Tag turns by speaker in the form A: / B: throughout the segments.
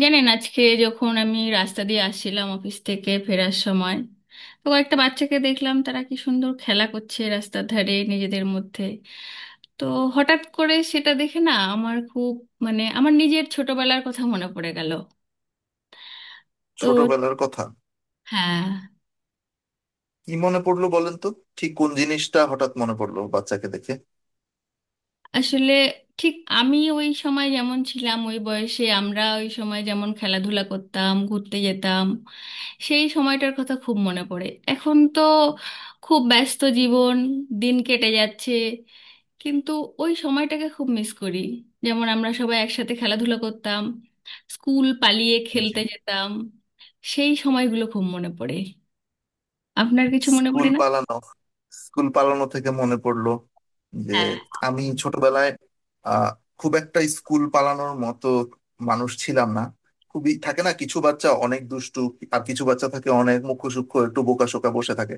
A: জানেন, আজকে যখন আমি রাস্তা দিয়ে আসছিলাম অফিস থেকে ফেরার সময়, কয়েকটা বাচ্চাকে দেখলাম, তারা কি সুন্দর খেলা করছে রাস্তার ধারে নিজেদের মধ্যে। তো হঠাৎ করে সেটা দেখে না আমার খুব, মানে আমার নিজের ছোটবেলার কথা মনে পড়ে গেল। তো
B: ছোটবেলার কথা
A: হ্যাঁ
B: কি মনে পড়লো বলেন তো? ঠিক কোন জিনিসটা হঠাৎ মনে পড়লো বাচ্চাকে দেখে?
A: আসলে ঠিক আমি ওই সময় যেমন ছিলাম ওই বয়সে আমরা ওই সময় যেমন খেলাধুলা করতাম ঘুরতে যেতাম সেই সময়টার কথা খুব মনে পড়ে এখন তো খুব ব্যস্ত জীবন দিন কেটে যাচ্ছে কিন্তু ওই সময়টাকে খুব মিস করি যেমন আমরা সবাই একসাথে খেলাধুলা করতাম স্কুল পালিয়ে
B: জি।
A: খেলতে যেতাম সেই সময়গুলো খুব মনে পড়ে আপনার কিছু মনে
B: স্কুল
A: পড়ে না
B: পালানো। স্কুল পালানো থেকে মনে পড়লো যে,
A: হ্যাঁ
B: আমি ছোটবেলায় আহ খুব একটা স্কুল পালানোর মতো মানুষ ছিলাম না। খুবই থাকে না, কিছু বাচ্চা অনেক দুষ্টু, আর কিছু বাচ্চা থাকে অনেক মুখশুক্ষ, একটু বোকাশোকা বসে থাকে।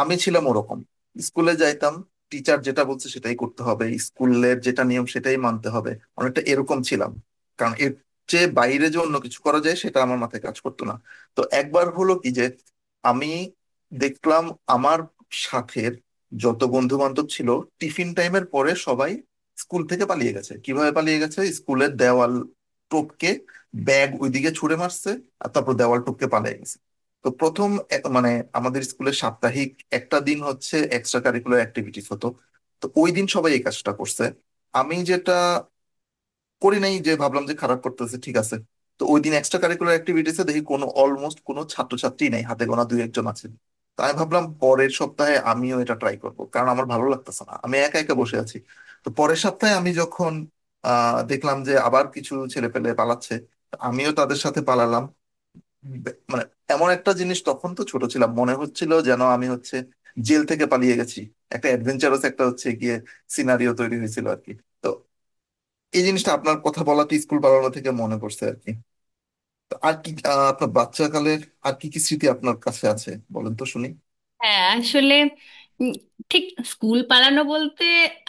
B: আমি ছিলাম ওরকম। স্কুলে যাইতাম, টিচার যেটা বলছে সেটাই করতে হবে, স্কুলের যেটা নিয়ম সেটাই মানতে হবে, অনেকটা এরকম ছিলাম। কারণ এর চেয়ে বাইরে যে অন্য কিছু করা যায় সেটা আমার মাথায় কাজ করতো না। তো একবার হলো কি যে, আমি দেখলাম আমার সাথের যত বন্ধু বান্ধব ছিল টিফিন টাইমের পরে সবাই স্কুল থেকে পালিয়ে গেছে। কিভাবে পালিয়ে গেছে? স্কুলের দেওয়াল টপকে, ব্যাগ ওইদিকে ছুঁড়ে মারছে আর তারপর দেওয়াল টপকে পালিয়ে গেছে। তো প্রথম মানে আমাদের স্কুলে সাপ্তাহিক একটা দিন হচ্ছে এক্সট্রা কারিকুলার অ্যাক্টিভিটিস হতো। তো ওই দিন সবাই এই কাজটা করছে, আমি যেটা করি নাই, যে ভাবলাম যে খারাপ করতেছে, ঠিক আছে। তো ওই দিন এক্সট্রা কারিকুলার অ্যাক্টিভিটিসে দেখি কোনো, অলমোস্ট কোনো ছাত্রছাত্রী নাই, হাতে গোনা দুই একজন আছে। তো আমি ভাবলাম পরের সপ্তাহে আমিও এটা ট্রাই করব, কারণ আমার ভালো লাগতেছে না, আমি একা একা বসে আছি। তো পরের সপ্তাহে আমি যখন দেখলাম যে আবার কিছু ছেলেপেলে পালাচ্ছে, আমিও তাদের সাথে পালালাম। মানে এমন একটা জিনিস, তখন তো ছোট ছিলাম, মনে হচ্ছিল যেন আমি হচ্ছে জেল থেকে পালিয়ে গেছি, একটা অ্যাডভেঞ্চারাস একটা হচ্ছে গিয়ে সিনারিও তৈরি হয়েছিল আর কি। তো এই জিনিসটা আপনার কথা বলাতে স্কুল পালানো থেকে মনে পড়ছে আর কি। তো আর কি, আপনার বাচ্চাকালের আর কি কি স্মৃতি আপনার কাছে আছে বলেন তো শুনি।
A: হ্যাঁ, আসলে উম, ঠিক স্কুল পালানো বলতে,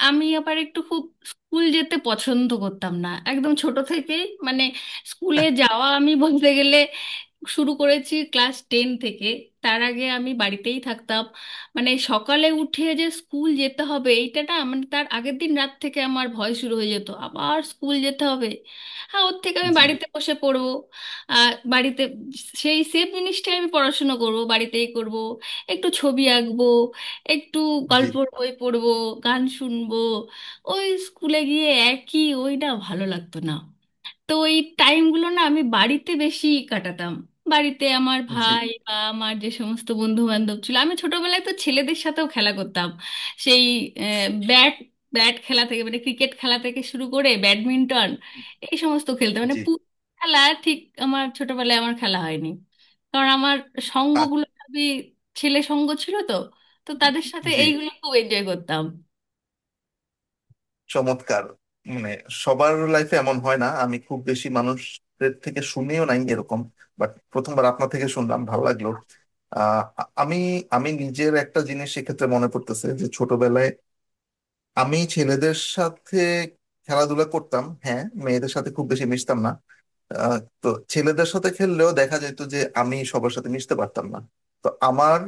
A: আমি আবার একটু খুব স্কুল যেতে পছন্দ করতাম না একদম ছোট থেকেই। মানে স্কুলে যাওয়া আমি বলতে গেলে শুরু করেছি ক্লাস টেন থেকে। তার আগে আমি বাড়িতেই থাকতাম। মানে সকালে উঠে যে স্কুল যেতে হবে এইটা না, মানে তার আগের দিন রাত থেকে আমার ভয় শুরু হয়ে যেত আবার স্কুল যেতে হবে। হ্যাঁ, ওর থেকে আমি
B: জি।
A: বাড়িতে বসে পড়বো। আর বাড়িতে সেই সেম জিনিসটাই, আমি পড়াশুনো করব বাড়িতেই করব, একটু ছবি আঁকবো, একটু
B: জি।
A: গল্পর বই পড়বো, গান শুনবো। ওই স্কুলে গিয়ে একই ওই না, ভালো লাগতো না। তো এই টাইমগুলো না আমি বাড়িতে বেশি কাটাতাম। বাড়িতে আমার
B: জি।
A: ভাই বা আমার যে সমস্ত বন্ধু বান্ধব ছিল, আমি ছোটবেলায় তো ছেলেদের সাথেও খেলা করতাম। সেই ব্যাট ব্যাট খেলা থেকে, মানে ক্রিকেট খেলা থেকে শুরু করে ব্যাডমিন্টন, এই সমস্ত খেলতাম। মানে
B: জি।
A: পুরো খেলা ঠিক আমার ছোটবেলায় আমার খেলা হয়নি, কারণ আমার
B: আ-
A: সঙ্গগুলো সবই ছেলে সঙ্গ ছিল তো। তো তাদের সাথে
B: জি।
A: এইগুলো খুব এনজয় করতাম।
B: চমৎকার। মানে সবার লাইফে এমন হয় না, আমি খুব বেশি মানুষদের থেকে শুনেও নাই এরকম, বাট প্রথমবার আপনার থেকে শুনলাম, ভালো লাগলো। আহ, আ- আমি আমি নিজের একটা জিনিস এক্ষেত্রে মনে পড়তেছে, যে ছোটবেলায় আমি ছেলেদের সাথে খেলাধুলা করতাম, হ্যাঁ মেয়েদের সাথে খুব বেশি মিশতাম না। তো ছেলেদের সাথে খেললেও দেখা যেত যে আমি সবার সাথে মিশতে পারতাম না। তো আমার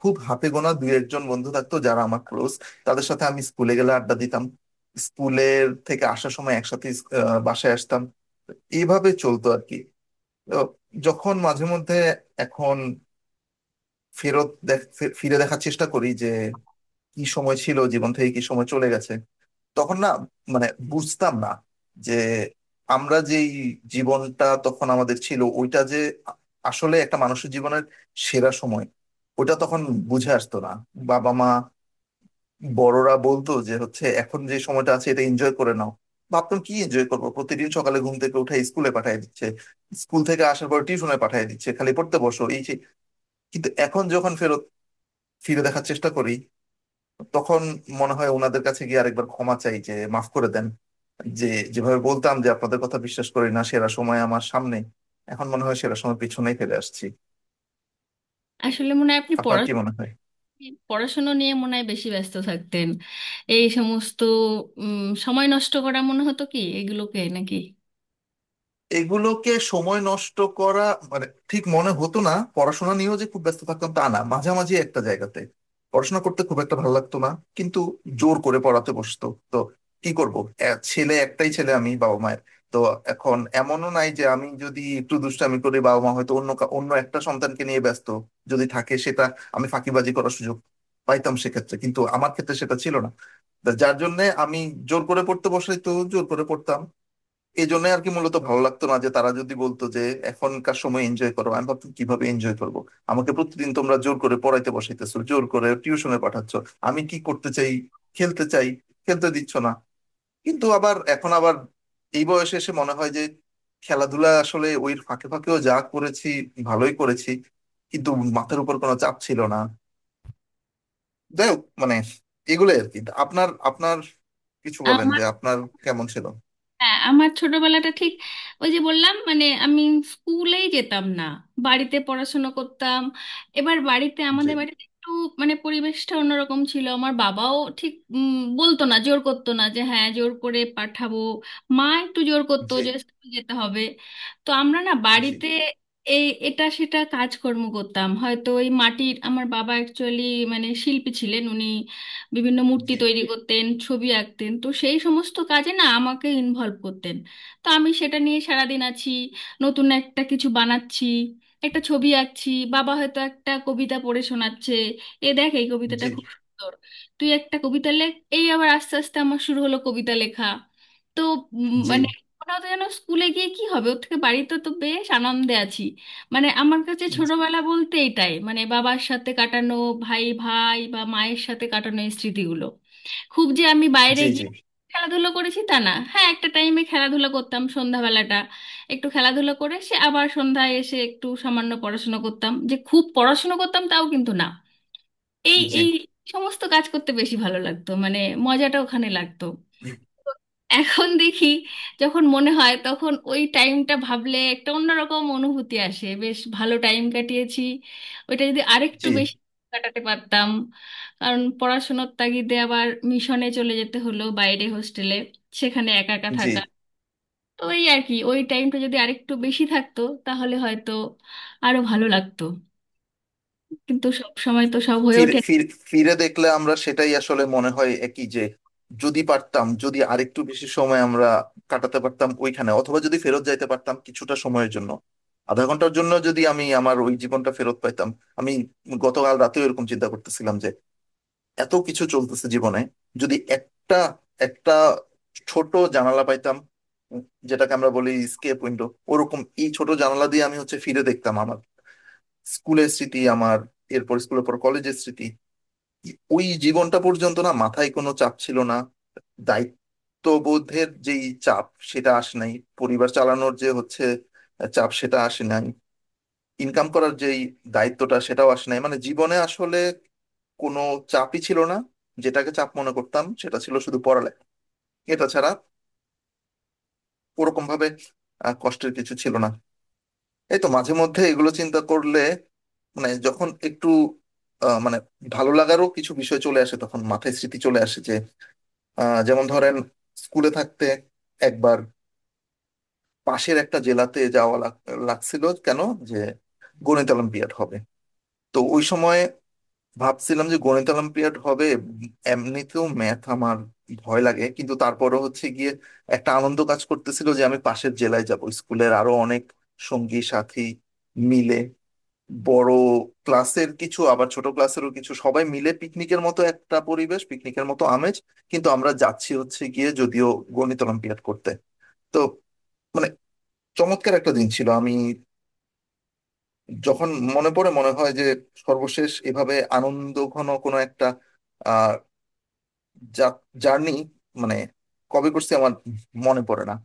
B: খুব হাতে গোনা দুই একজন বন্ধু থাকতো যারা আমার ক্লোজ, তাদের সাথে আমি স্কুলে গেলে আড্ডা দিতাম, স্কুলের থেকে আসার সময় একসাথে বাসায় আসতাম। এইভাবে চলতো আর কি। তো যখন মাঝে মধ্যে এখন ফেরত দেখ- ফিরে দেখার চেষ্টা করি যে কি সময় ছিল, জীবন থেকে কি সময় চলে গেছে। তখন না, মানে বুঝতাম না যে আমরা যেই জীবনটা তখন আমাদের ছিল ওইটা যে, আ- আসলে একটা মানুষের জীবনের সেরা সময়, ওটা তখন বুঝে আসতো না। বাবা মা, বড়রা বলতো যে হচ্ছে এখন যে সময়টা আছে এটা এনজয় করে নাও। ভাবতাম কি এনজয় করবো? প্রতিদিন সকালে ঘুম থেকে উঠে স্কুলে পাঠিয়ে দিচ্ছে, স্কুল থেকে আসার পর টিউশনে পাঠিয়ে দিচ্ছে, খালি পড়তে বসো এই সেই। কিন্তু এখন যখন ফেরত ফিরে দেখার চেষ্টা করি তখন মনে হয় ওনাদের কাছে গিয়ে আরেকবার ক্ষমা চাই, যে মাফ করে দেন যে, যেভাবে বলতাম যে আপনাদের কথা বিশ্বাস করি না, সেরা সময় আমার সামনে, এখন মনে হয় সেরা সময় পিছনেই ফেলে আসছি।
A: আসলে মনে হয় আপনি
B: আপনার কি মনে হয়?
A: পড়াশোনা নিয়ে মনে হয় বেশি ব্যস্ত থাকতেন। এই সমস্ত সময় নষ্ট করা মনে হতো কি এগুলোকে নাকি?
B: এগুলোকে সময় নষ্ট করা? মানে ঠিক মনে হতো না, পড়াশোনা নিয়েও যে খুব ব্যস্ত থাকতাম তা না, মাঝামাঝি একটা জায়গাতে। পড়াশোনা করতে খুব একটা ভালো লাগতো না কিন্তু জোর করে পড়াতে বসতো তো কি করব। ছেলে একটাই, ছেলে আমি বাবা মায়ের। তো এখন এমনও নাই যে আমি যদি একটু দুষ্টামি করি বাবা মা হয়তো অন্য অন্য একটা সন্তানকে নিয়ে ব্যস্ত, যদি থাকে সেটা। আমি ফাঁকিবাজি করার সুযোগ পাইতাম সেক্ষেত্রে, কিন্তু আমার ক্ষেত্রে সেটা ছিল না। তা যার জন্য আমি জোর করে পড়তে বসাই তো জোর করে পড়তাম। এই জন্য আর কি মূলত ভালো লাগতো না, যে তারা যদি বলতো যে এখনকার সময় এনজয় করো, আমি ভাবতাম কিভাবে এনজয় করব? আমাকে প্রতিদিন তোমরা জোর করে পড়াইতে বসাইতেছো, জোর করে টিউশনে পাঠাচ্ছ। আমি কি করতে চাই? খেলতে চাই, খেলতে দিচ্ছ না। কিন্তু আবার এখন আবার এই বয়সে এসে মনে হয় যে, খেলাধুলা আসলে ওই ফাঁকে ফাঁকেও যা করেছি ভালোই করেছি, কিন্তু মাথার উপর কোনো চাপ ছিল না। যাই হোক মানে এগুলোই আর কি। আপনার আপনার কিছু বলেন
A: আমার,
B: যে আপনার কেমন ছিল।
A: হ্যাঁ, আমার ছোটবেলাটা ঠিক ওই যে বললাম, মানে আমি স্কুলেই যেতাম না, বাড়িতে পড়াশোনা করতাম। এবার বাড়িতে,
B: জি।
A: আমাদের বাড়িতে একটু মানে পরিবেশটা অন্যরকম ছিল। আমার বাবাও ঠিক বলতো না, জোর করতো না যে হ্যাঁ জোর করে পাঠাবো। মা একটু জোর করতো
B: জি।
A: যে স্কুল যেতে হবে। তো আমরা না
B: জি।
A: বাড়িতে এই এটা সেটা কাজকর্ম করতাম। হয়তো ওই মাটির, আমার বাবা অ্যাকচুয়ালি মানে শিল্পী ছিলেন উনি, বিভিন্ন মূর্তি
B: জি।
A: তৈরি করতেন, ছবি আঁকতেন, তো সেই সমস্ত কাজে না আমাকে ইনভলভ করতেন। তো আমি সেটা নিয়ে সারাদিন আছি, নতুন একটা কিছু বানাচ্ছি, একটা ছবি আঁকছি, বাবা হয়তো একটা কবিতা পড়ে শোনাচ্ছে, এ দেখ এই কবিতাটা
B: জি।
A: খুব সুন্দর, তুই একটা কবিতা লেখ। এই আবার আস্তে আস্তে আমার শুরু হলো কবিতা লেখা। তো
B: জি।
A: মানে মনে হতো যেন স্কুলে গিয়ে কি হবে, ওর থেকে বাড়িতে তো বেশ আনন্দে আছি। মানে আমার কাছে ছোটবেলা বলতে এটাই, মানে বাবার সাথে কাটানো, ভাই ভাই বা মায়ের সাথে কাটানো এই স্মৃতিগুলো। খুব যে আমি বাইরে
B: জি। জি।
A: গিয়ে খেলাধুলো করেছি তা না, হ্যাঁ একটা টাইমে খেলাধুলা করতাম সন্ধ্যাবেলাটা, একটু খেলাধুলো করে সে আবার সন্ধ্যায় এসে একটু সামান্য পড়াশোনা করতাম, যে খুব পড়াশোনা করতাম তাও কিন্তু না। এই
B: জি।
A: এই সমস্ত কাজ করতে বেশি ভালো লাগতো, মানে মজাটা ওখানে লাগতো। এখন দেখি, যখন মনে হয় তখন ওই টাইমটা ভাবলে একটা অন্যরকম অনুভূতি আসে, বেশ ভালো টাইম কাটিয়েছি। ওইটা যদি আরেকটু
B: জি।
A: বেশি কাটাতে পারতাম। কারণ পড়াশোনার তাগিদে আবার মিশনে চলে যেতে হলো বাইরে হোস্টেলে, সেখানে একা একা
B: জি।
A: থাকা। তো এই আর কি, ওই টাইমটা যদি আরেকটু বেশি থাকতো তাহলে হয়তো আরো ভালো লাগতো। কিন্তু সব সময় তো সব হয়ে
B: ফিরে
A: ওঠে না।
B: ফিরে ফিরে দেখলে আমরা সেটাই আসলে মনে হয় একই, যে যদি পারতাম, যদি আরেকটু বেশি সময় আমরা কাটাতে পারতাম ওইখানে, অথবা যদি ফেরত যাইতে পারতাম কিছুটা সময়ের জন্য। আধা ঘন্টার জন্য যদি আমি আমার ওই জীবনটা ফেরত পাইতাম। আমি গতকাল রাতেও এরকম চিন্তা করতেছিলাম যে এত কিছু চলতেছে জীবনে, যদি একটা একটা ছোট জানালা পাইতাম, উম, যেটাকে আমরা বলি স্কেপ উইন্ডো। ওরকম এই ছোট জানালা দিয়ে আমি হচ্ছে ফিরে দেখতাম আমার স্কুলের স্মৃতি, আমার এরপর স্কুলের পর কলেজের স্মৃতি। ওই জীবনটা পর্যন্ত না মাথায় কোনো চাপ ছিল না। দায়িত্ববোধের যেই চাপ সেটা আসে নাই, পরিবার চালানোর যে হচ্ছে চাপ সেটা আসে নাই, ইনকাম করার যেই দায়িত্বটা সেটাও আসে নাই। মানে জীবনে আসলে কোনো চাপই ছিল না। যেটাকে চাপ মনে করতাম সেটা ছিল শুধু পড়ালেখা। এটা ছাড়া ওরকম ভাবে কষ্টের কিছু ছিল না। এই তো মাঝে মধ্যে এগুলো চিন্তা করলে, মানে যখন একটু মানে ভালো লাগারও কিছু বিষয় চলে আসে, তখন মাথায় স্মৃতি চলে আসে যে, যেমন ধরেন স্কুলে থাকতে একবার পাশের একটা জেলাতে যাওয়া লাগছিল। কেন? যে গণিত অলিম্পিয়াড হবে। তো ওই সময় ভাবছিলাম যে গণিত অলিম্পিয়াড হবে, এমনিতেও ম্যাথ আমার ভয় লাগে, কিন্তু তারপরও হচ্ছে গিয়ে একটা আনন্দ কাজ করতেছিল যে আমি পাশের জেলায় যাব, স্কুলের আরো অনেক সঙ্গী সাথী মিলে, বড় ক্লাসের কিছু আবার ছোট ক্লাসেরও কিছু, সবাই মিলে পিকনিকের মতো একটা পরিবেশ, পিকনিকের মতো আমেজ, কিন্তু আমরা যাচ্ছি হচ্ছে গিয়ে যদিও গণিত অলিম্পিয়াড করতে। তো মানে চমৎকার একটা দিন ছিল। আমি যখন মনে পড়ে মনে হয় যে সর্বশেষ এভাবে আনন্দঘন কোনো একটা জার্নি মানে কবে করছি আমার মনে পড়ে না।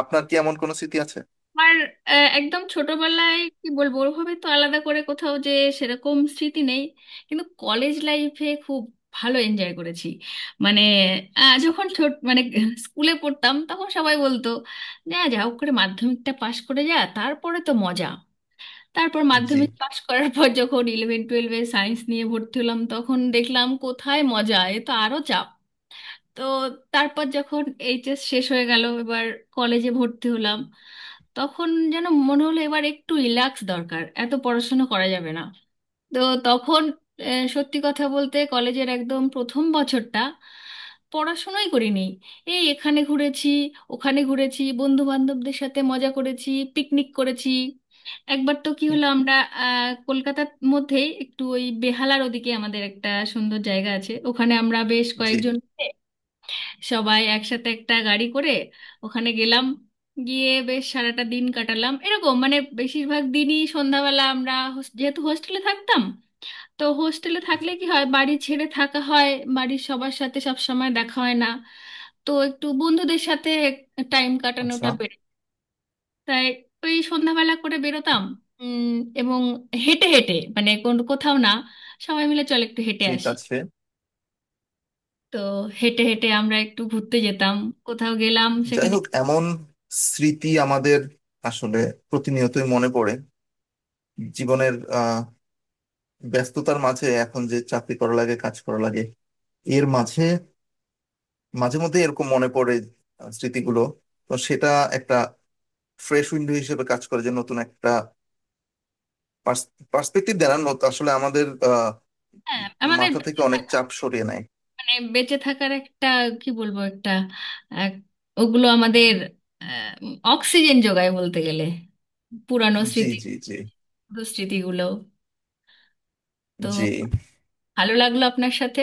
B: আপনার কি এমন কোনো স্মৃতি আছে?
A: আমার, একদম ছোটবেলায় কি বলবো, ওভাবে তো আলাদা করে কোথাও যে সেরকম স্মৃতি নেই। কিন্তু কলেজ লাইফে খুব ভালো এনজয় করেছি। মানে
B: আচ্ছা।
A: যখন ছোট, মানে স্কুলে পড়তাম, তখন সবাই বলতো যা যা হোক করে মাধ্যমিকটা পাশ করে যা, তারপরে তো মজা। তারপর
B: জি।
A: মাধ্যমিক পাশ করার পর যখন ইলেভেন টুয়েলভে সায়েন্স নিয়ে ভর্তি হলাম, তখন দেখলাম কোথায় মজা, এ তো আরো। তো তারপর যখন এইচএস শেষ হয়ে গেল, এবার কলেজে ভর্তি হলাম, তখন যেন মনে হলো এবার একটু রিল্যাক্স দরকার, এত পড়াশোনা করা যাবে না। তো তখন সত্যি কথা বলতে কলেজের একদম প্রথম বছরটা পড়াশোনাই করিনি। এই এখানে ঘুরেছি, ওখানে ঘুরেছি, বন্ধু বান্ধবদের সাথে মজা করেছি, পিকনিক করেছি। একবার তো কি
B: হুম।
A: হলো, আমরা কলকাতার মধ্যেই একটু ওই বেহালার ওদিকে আমাদের একটা সুন্দর জায়গা আছে, ওখানে আমরা বেশ
B: জি।
A: কয়েকজন সবাই একসাথে একটা গাড়ি করে ওখানে গেলাম। গিয়ে বেশ সারাটা দিন কাটালাম। এরকম মানে বেশিরভাগ দিনই সন্ধ্যাবেলা আমরা যেহেতু হোস্টেলে থাকতাম, তো হোস্টেলে থাকলে কি হয়, বাড়ি ছেড়ে থাকা হয়, বাড়ির সবার সাথে সব সময় দেখা হয় না। তো একটু বন্ধুদের সাথে টাইম
B: আচ্ছা।
A: কাটানোটা বেড়ে, তাই ওই সন্ধ্যাবেলা করে বেরোতাম। উম, এবং হেঁটে হেঁটে, মানে কোন কোথাও না, সবাই মিলে চল একটু হেঁটে
B: ঠিক
A: আসি।
B: আছে।
A: তো হেঁটে হেঁটে আমরা একটু ঘুরতে যেতাম, কোথাও গেলাম
B: যাই
A: সেখানে।
B: হোক এমন স্মৃতি আমাদের আসলে প্রতিনিয়তই মনে পড়ে জীবনের ব্যস্ততার মাঝে। এখন যে চাকরি করা লাগে কাজ করা লাগে, এর মাঝে মাঝে মধ্যে এরকম মনে পড়ে স্মৃতিগুলো। তো সেটা একটা ফ্রেশ উইন্ডো হিসেবে কাজ করে, যে নতুন একটা পার্সপেক্টিভ দেন আসলে, আমাদের
A: হ্যাঁ, আমাদের
B: মাথা থেকে
A: বেঁচে
B: অনেক
A: থাকা,
B: চাপ সরিয়ে নেয়।
A: মানে বেঁচে থাকার একটা, কি বলবো, একটা এক- ওগুলো আমাদের আহ, অক্সিজেন যোগায় বলতে গেলে, পুরানো
B: জি।
A: স্মৃতি,
B: জি। জি।
A: পুরো স্মৃতিগুলো। তো
B: জি।
A: ভালো লাগলো আপনার সাথে।